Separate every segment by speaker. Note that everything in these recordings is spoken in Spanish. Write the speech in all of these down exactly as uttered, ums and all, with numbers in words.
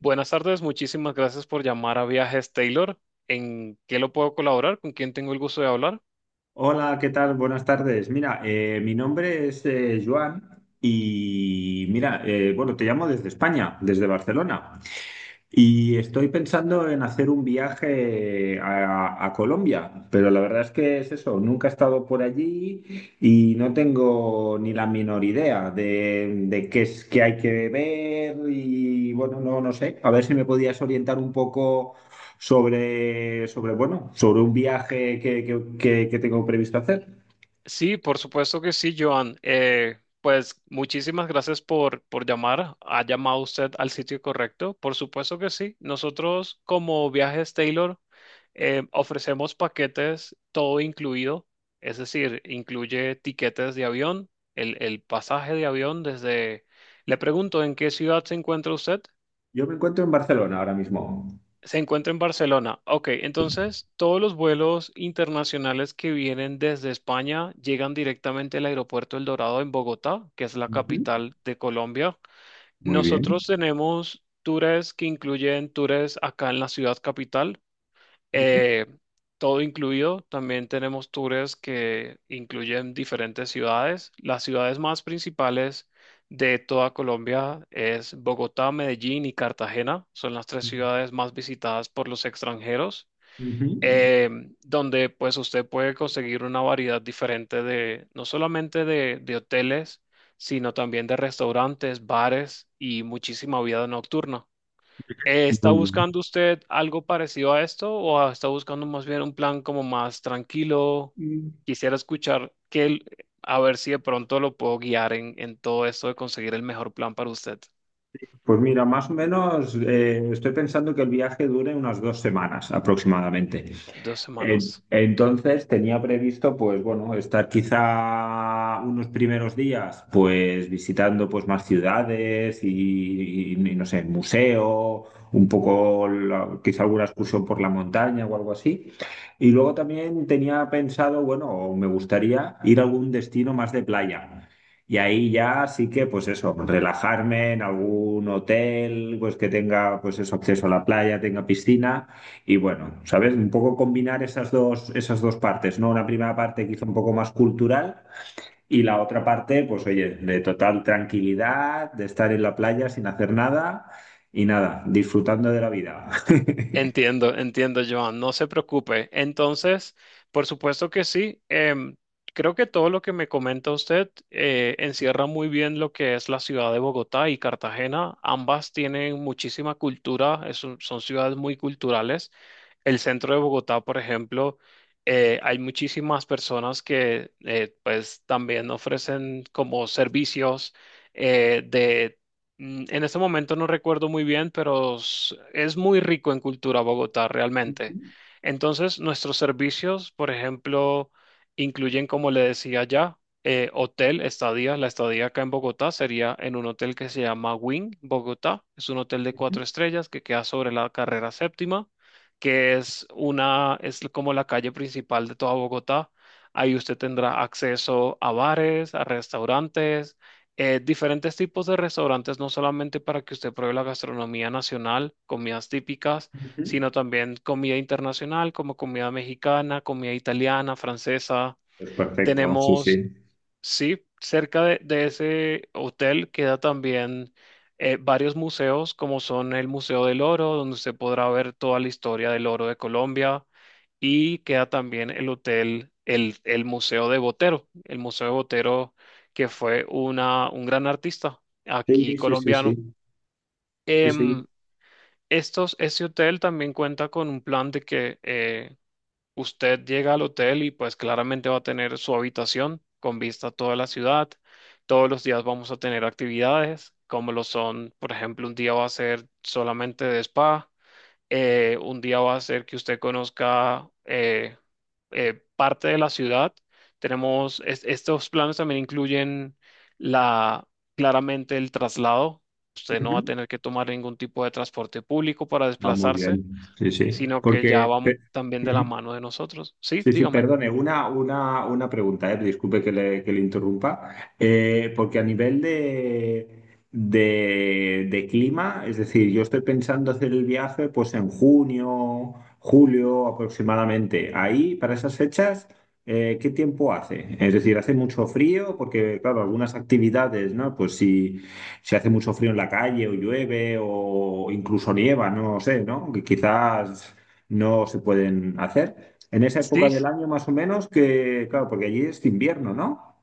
Speaker 1: Buenas tardes, muchísimas gracias por llamar a Viajes Taylor. ¿En qué lo puedo colaborar? ¿Con quién tengo el gusto de hablar?
Speaker 2: Hola, ¿qué tal? Buenas tardes. Mira, eh, mi nombre es eh, Joan y mira, eh, bueno, te llamo desde España, desde Barcelona. Y estoy pensando en hacer un viaje a, a Colombia, pero la verdad es que es eso, nunca he estado por allí y no tengo ni la menor idea de, de qué es que hay que ver y bueno, no, no sé, a ver si me podías orientar un poco sobre, sobre bueno, sobre un viaje que, que- que- que tengo previsto hacer.
Speaker 1: Sí, por supuesto que sí, Joan. Eh, pues muchísimas gracias por, por llamar. ¿Ha llamado usted al sitio correcto? Por supuesto que sí. Nosotros, como Viajes Taylor, eh, ofrecemos paquetes todo incluido, es decir, incluye tiquetes de avión, el, el pasaje de avión desde... Le pregunto, ¿en qué ciudad se encuentra usted?
Speaker 2: Yo me encuentro en Barcelona ahora mismo.
Speaker 1: Se encuentra en Barcelona. Ok, entonces todos los vuelos internacionales que vienen desde España llegan directamente al aeropuerto El Dorado en Bogotá, que es la
Speaker 2: Ujú,
Speaker 1: capital de Colombia.
Speaker 2: muy bien.
Speaker 1: Nosotros tenemos tours que incluyen tours acá en la ciudad capital,
Speaker 2: Ujú,
Speaker 1: eh, todo incluido. También tenemos tours que incluyen diferentes ciudades. Las ciudades más principales de toda Colombia es Bogotá, Medellín y Cartagena. Son las tres ciudades más visitadas por los extranjeros,
Speaker 2: ujú,
Speaker 1: eh, donde pues usted puede conseguir una variedad diferente, de no solamente de, de hoteles, sino también de restaurantes, bares y muchísima vida nocturna. Eh, ¿Está
Speaker 2: muy
Speaker 1: buscando usted algo parecido a esto o está buscando más bien un plan como más tranquilo?
Speaker 2: bien.
Speaker 1: Quisiera escuchar que el- a ver si de pronto lo puedo guiar en, en todo esto de conseguir el mejor plan para usted.
Speaker 2: Pues mira, más o menos eh, estoy pensando que el viaje dure unas dos semanas aproximadamente.
Speaker 1: Dos
Speaker 2: Eh,
Speaker 1: semanas.
Speaker 2: Entonces tenía previsto, pues bueno, estar quizá unos primeros días, pues visitando pues más ciudades y, y- y no sé, museo, un poco la- quizá alguna excursión por la montaña o algo así. Y luego también tenía pensado, bueno, me gustaría ir a algún destino más de playa. Y ahí ya sí que, pues eso, relajarme en algún hotel, pues que tenga, pues eso, acceso a la playa, tenga piscina y bueno, ¿sabes? Un poco combinar esas dos, esas dos partes, ¿no? Una primera parte quizá un poco más cultural y la otra parte, pues oye, de total tranquilidad, de estar en la playa sin hacer nada y nada, disfrutando de la vida.
Speaker 1: Entiendo, entiendo, Joan, no se preocupe. Entonces, por supuesto que sí. Em, creo que todo lo que me comenta usted eh, encierra muy bien lo que es la ciudad de Bogotá y Cartagena. Ambas tienen muchísima cultura, es un- son ciudades muy culturales. El centro de Bogotá, por ejemplo, eh, hay muchísimas personas que eh, pues también ofrecen como servicios. eh, de Mm, En este momento no recuerdo muy bien, pero s- es muy rico en cultura Bogotá
Speaker 2: Ujú,
Speaker 1: realmente. Entonces, nuestros servicios, por ejemplo, incluyen, como le decía ya, eh, hotel, estadía. La estadía acá en Bogotá sería en un hotel que se llama Wing Bogotá. Es un hotel de
Speaker 2: ujú,
Speaker 1: cuatro estrellas que queda sobre la carrera séptima, que es una, es como la calle principal de toda Bogotá. Ahí usted tendrá acceso a bares, a restaurantes, eh, diferentes tipos de restaurantes, no solamente para que usted pruebe la gastronomía nacional, comidas típicas,
Speaker 2: ujú.
Speaker 1: sino también comida internacional como comida mexicana, comida italiana, francesa.
Speaker 2: Pues perfecto, sí,
Speaker 1: Tenemos
Speaker 2: sí.
Speaker 1: Sí, cerca de, de ese hotel queda también, eh, varios museos, como son el Museo del Oro, donde se podrá ver toda la historia del oro de Colombia, y queda también el hotel, el, el Museo de Botero, el Museo de Botero, que fue una, un gran artista aquí
Speaker 2: Sí, sí, sí, sí,
Speaker 1: colombiano.
Speaker 2: sí, sí.
Speaker 1: Em, estos, ese hotel también cuenta con un plan de que eh, usted llega al hotel y pues claramente va a tener su habitación con vista a toda la ciudad. Todos los días vamos a tener actividades, como lo son, por ejemplo, un día va a ser solamente de spa, eh, un día va a ser que usted conozca eh, eh, parte de la ciudad. Tenemos, es- estos planes también incluyen la, claramente el traslado. Usted no va a
Speaker 2: Ujú.
Speaker 1: tener que tomar ningún tipo de transporte público para
Speaker 2: Ah, muy
Speaker 1: desplazarse,
Speaker 2: bien, sí, sí.
Speaker 1: sino que ya
Speaker 2: Porque,
Speaker 1: va
Speaker 2: pe-
Speaker 1: también de la
Speaker 2: ujú.
Speaker 1: mano de nosotros. Sí,
Speaker 2: Sí, sí,
Speaker 1: dígame.
Speaker 2: perdone, una, una, una pregunta, eh, disculpe que le, que le interrumpa. Eh, porque a nivel de, de, de clima, es decir, yo estoy pensando hacer el viaje pues en junio, julio aproximadamente. Ahí, para esas fechas, eh, ¿qué tiempo hace? Es decir, ¿hace mucho frío? Porque, claro, algunas actividades, ¿no? Pues si, si hace mucho frío en la calle o llueve o incluso nieva, no sé, ¿no? Que quizás no se pueden hacer. En esa
Speaker 1: Sí,
Speaker 2: época del año más o menos que, claro, porque allí es invierno, ¿no?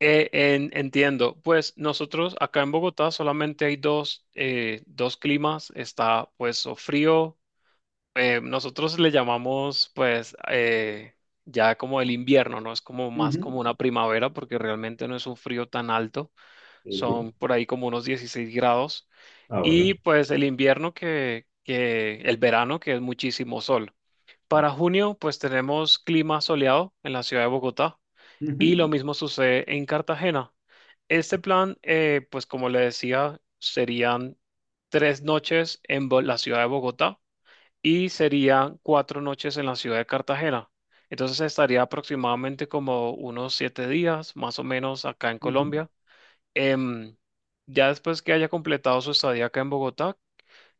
Speaker 1: eh, en- entiendo. Pues nosotros acá en Bogotá solamente hay dos, eh, dos climas. Está pues o frío. Eh, nosotros le llamamos pues, eh, ya como el invierno, ¿no? Es como más
Speaker 2: Ujú,
Speaker 1: como una primavera porque realmente no es un frío tan alto.
Speaker 2: sí,
Speaker 1: Son
Speaker 2: sí.
Speaker 1: por ahí como unos dieciséis grados.
Speaker 2: Ah, bueno.
Speaker 1: Y pues el invierno, que, que el verano que es muchísimo sol. Para junio, pues tenemos clima soleado en la ciudad de Bogotá y lo
Speaker 2: Ujú,
Speaker 1: mismo sucede en Cartagena. Este plan, eh, pues como le decía, serían tres noches en Bo- la ciudad de Bogotá y serían cuatro noches en la ciudad de Cartagena. Entonces estaría aproximadamente como unos siete días, más o menos, acá en
Speaker 2: ujú,
Speaker 1: Colombia. Em, ya después que haya completado su estadía acá en Bogotá,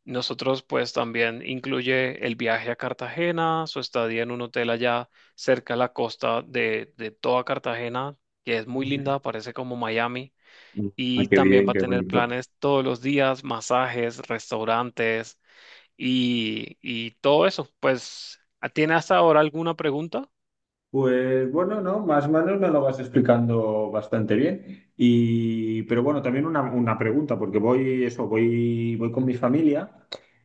Speaker 1: nosotros pues también incluye el viaje a Cartagena, su estadía en un hotel allá cerca de la costa de, de toda Cartagena, que es muy linda, parece como Miami,
Speaker 2: ujú. Ah,
Speaker 1: y
Speaker 2: qué
Speaker 1: también
Speaker 2: bien,
Speaker 1: va a
Speaker 2: qué
Speaker 1: tener
Speaker 2: bonito.
Speaker 1: planes todos los días, masajes, restaurantes y, y todo eso. Pues, ¿tiene hasta ahora alguna pregunta?
Speaker 2: Pues bueno, no, más o menos me lo vas explicando bastante bien. Y, pero bueno, también una, una pregunta, porque voy, eso, voy, voy con mi familia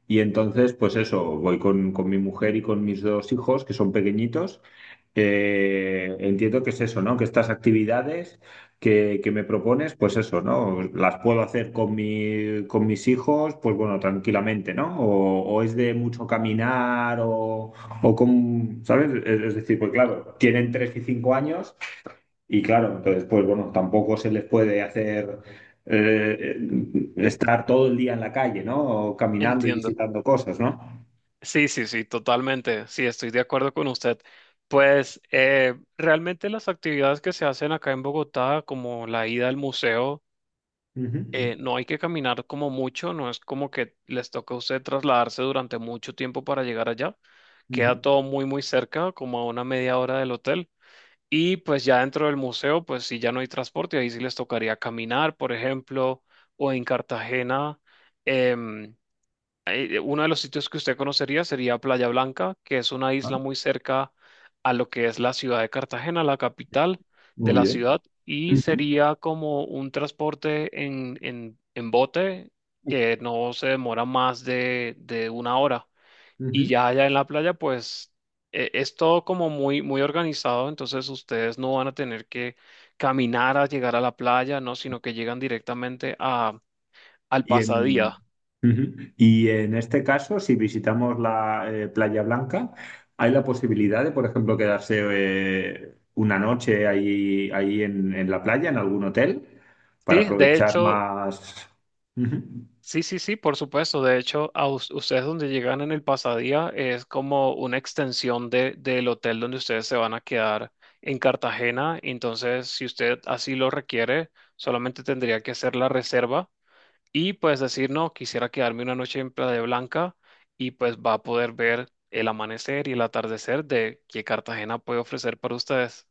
Speaker 2: y entonces, pues eso, voy con, con mi mujer y con mis dos hijos, que son pequeñitos. Eh, entiendo que es eso, ¿no? Que estas actividades que, que me propones, pues eso, ¿no? Las puedo hacer con mi, con mis hijos, pues bueno, tranquilamente, ¿no? O, o es de mucho caminar o... O con, ¿sabes? Es, es decir, pues claro, tienen tres y cinco años y claro, entonces pues bueno, tampoco se les puede hacer eh, estar todo el día en la calle, ¿no? O caminando y
Speaker 1: Entiendo.
Speaker 2: visitando cosas, ¿no?
Speaker 1: Sí, sí, sí, totalmente. Sí, estoy de acuerdo con usted. Pues, eh, realmente las actividades que se hacen acá en Bogotá, como la ida al museo,
Speaker 2: Ujú,
Speaker 1: eh, no hay que caminar como mucho, no es como que les toque a usted trasladarse durante mucho tiempo para llegar allá. Queda
Speaker 2: ujú.
Speaker 1: todo muy, muy cerca, como a una media hora del hotel. Y pues ya dentro del museo, pues sí, ya no hay transporte, ahí sí les tocaría caminar, por ejemplo, o en Cartagena. em, eh, Uno de los sitios que usted conocería sería Playa Blanca, que es una
Speaker 2: Ah,
Speaker 1: isla muy cerca a lo que es la ciudad de Cartagena, la capital de
Speaker 2: muy
Speaker 1: la
Speaker 2: bien.
Speaker 1: ciudad, y
Speaker 2: Ujú,
Speaker 1: sería como un transporte en, en, en bote, que no se demora más de, de una hora. Y
Speaker 2: ujú.
Speaker 1: ya allá en la playa, pues, eh, es todo como muy, muy organizado, entonces ustedes no van a tener que caminar a llegar a la playa, ¿no? Sino que llegan directamente a, al
Speaker 2: Y
Speaker 1: pasadía.
Speaker 2: en, Ujú. Y en este caso, si visitamos la eh, Playa Blanca, hay la posibilidad de, por ejemplo, quedarse eh, una noche ahí, ahí en, en la playa, en algún hotel, para
Speaker 1: Sí, de
Speaker 2: aprovechar
Speaker 1: hecho.
Speaker 2: más. Ujú.
Speaker 1: Sí, sí, sí, por supuesto. De hecho, a us- ustedes, donde llegan en el pasadía, es como una extensión de, del hotel donde ustedes se van a quedar en Cartagena. Entonces, si usted así lo requiere, solamente tendría que hacer la reserva y pues decir, no, quisiera quedarme una noche en Playa Blanca, y pues va a poder ver el amanecer y el atardecer de que Cartagena puede ofrecer para ustedes.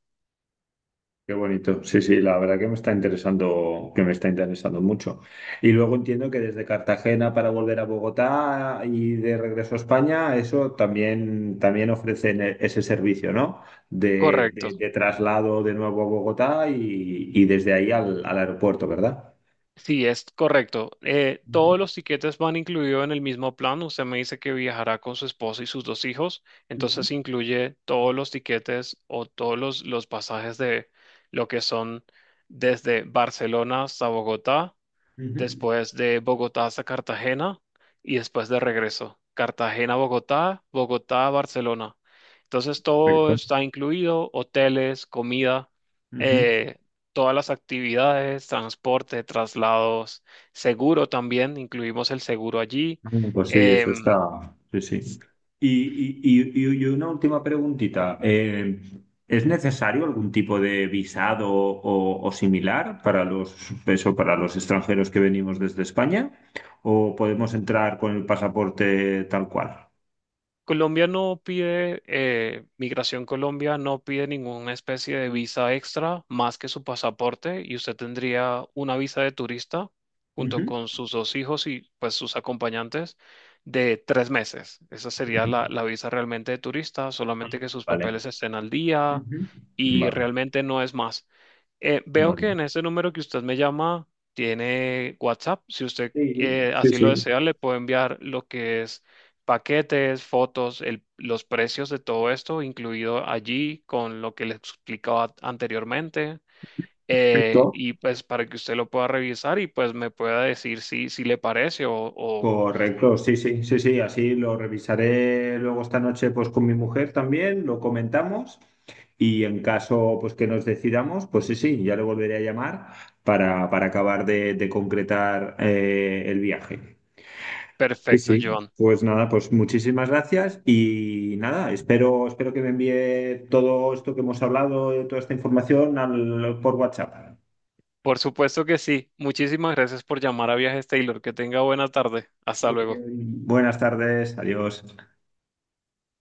Speaker 2: Qué bonito. Sí, sí, la verdad que me está interesando, que me está interesando mucho. Y luego entiendo que desde Cartagena para volver a Bogotá y de regreso a España, eso también, también ofrecen e- ese servicio, ¿no? De,
Speaker 1: Correcto.
Speaker 2: de- de traslado de nuevo a Bogotá y, y desde ahí al, al aeropuerto, ¿verdad?
Speaker 1: Sí, es correcto. Eh,
Speaker 2: Ujú,
Speaker 1: todos los tiquetes van incluidos en el mismo plan. Usted me dice que viajará con su esposa y sus dos hijos,
Speaker 2: ujú,
Speaker 1: entonces incluye todos los tiquetes o todos los, los pasajes de lo que son desde Barcelona hasta Bogotá,
Speaker 2: ujú.
Speaker 1: después de Bogotá hasta Cartagena y después de regreso. Cartagena, Bogotá, Bogotá, Barcelona. Entonces todo
Speaker 2: Perfecto.
Speaker 1: está incluido: hoteles, comida,
Speaker 2: Ujú.
Speaker 1: eh, todas las actividades, transporte, traslados, seguro también, incluimos el seguro allí.
Speaker 2: Mm, pues sí, eso
Speaker 1: Em,
Speaker 2: está. Sí, sí.
Speaker 1: s-
Speaker 2: Y, y- y- y- una última preguntita. Eh, ¿es necesario algún tipo de visado o, o similar para los, eso, para los extranjeros que venimos desde España? ¿O podemos entrar con el pasaporte tal cual?
Speaker 1: Colombia no pide, eh, Migración Colombia no pide ninguna especie de visa extra más que su pasaporte, y usted tendría una visa de turista junto
Speaker 2: Ujú,
Speaker 1: con sus dos hijos y pues sus acompañantes de tres meses. Esa sería
Speaker 2: ujú.
Speaker 1: la, la visa realmente de turista, solamente que sus
Speaker 2: Vale.
Speaker 1: papeles estén al día
Speaker 2: Ujú.
Speaker 1: y
Speaker 2: Vale,
Speaker 1: realmente no es más. Eh, veo que
Speaker 2: vale.
Speaker 1: en ese número que usted me llama tiene WhatsApp. Si usted
Speaker 2: Sí,
Speaker 1: eh,
Speaker 2: sí,
Speaker 1: así lo
Speaker 2: sí.
Speaker 1: desea, le puedo enviar lo que es paquetes, fotos, el- los precios de todo esto, incluido allí con lo que les explicaba anteriormente. Eh,
Speaker 2: Perfecto.
Speaker 1: y pues para que usted lo pueda revisar y pues me pueda decir si, si le parece o, o-
Speaker 2: Correcto, sí, sí, sí, sí, así lo revisaré luego esta noche pues con mi mujer también, lo comentamos y en caso pues que nos decidamos, pues sí, sí, ya le volveré a llamar para, para acabar de, de concretar eh, el viaje. Sí,
Speaker 1: Perfecto,
Speaker 2: sí,
Speaker 1: John.
Speaker 2: pues nada, pues muchísimas gracias y nada, espero, espero que me envíe todo esto que hemos hablado, eh, toda esta información al- por WhatsApp.
Speaker 1: Por supuesto que sí. Muchísimas gracias por llamar a Viajes Taylor. Que tenga buena tarde. Hasta
Speaker 2: Muy
Speaker 1: luego.
Speaker 2: bien, buenas tardes, adiós.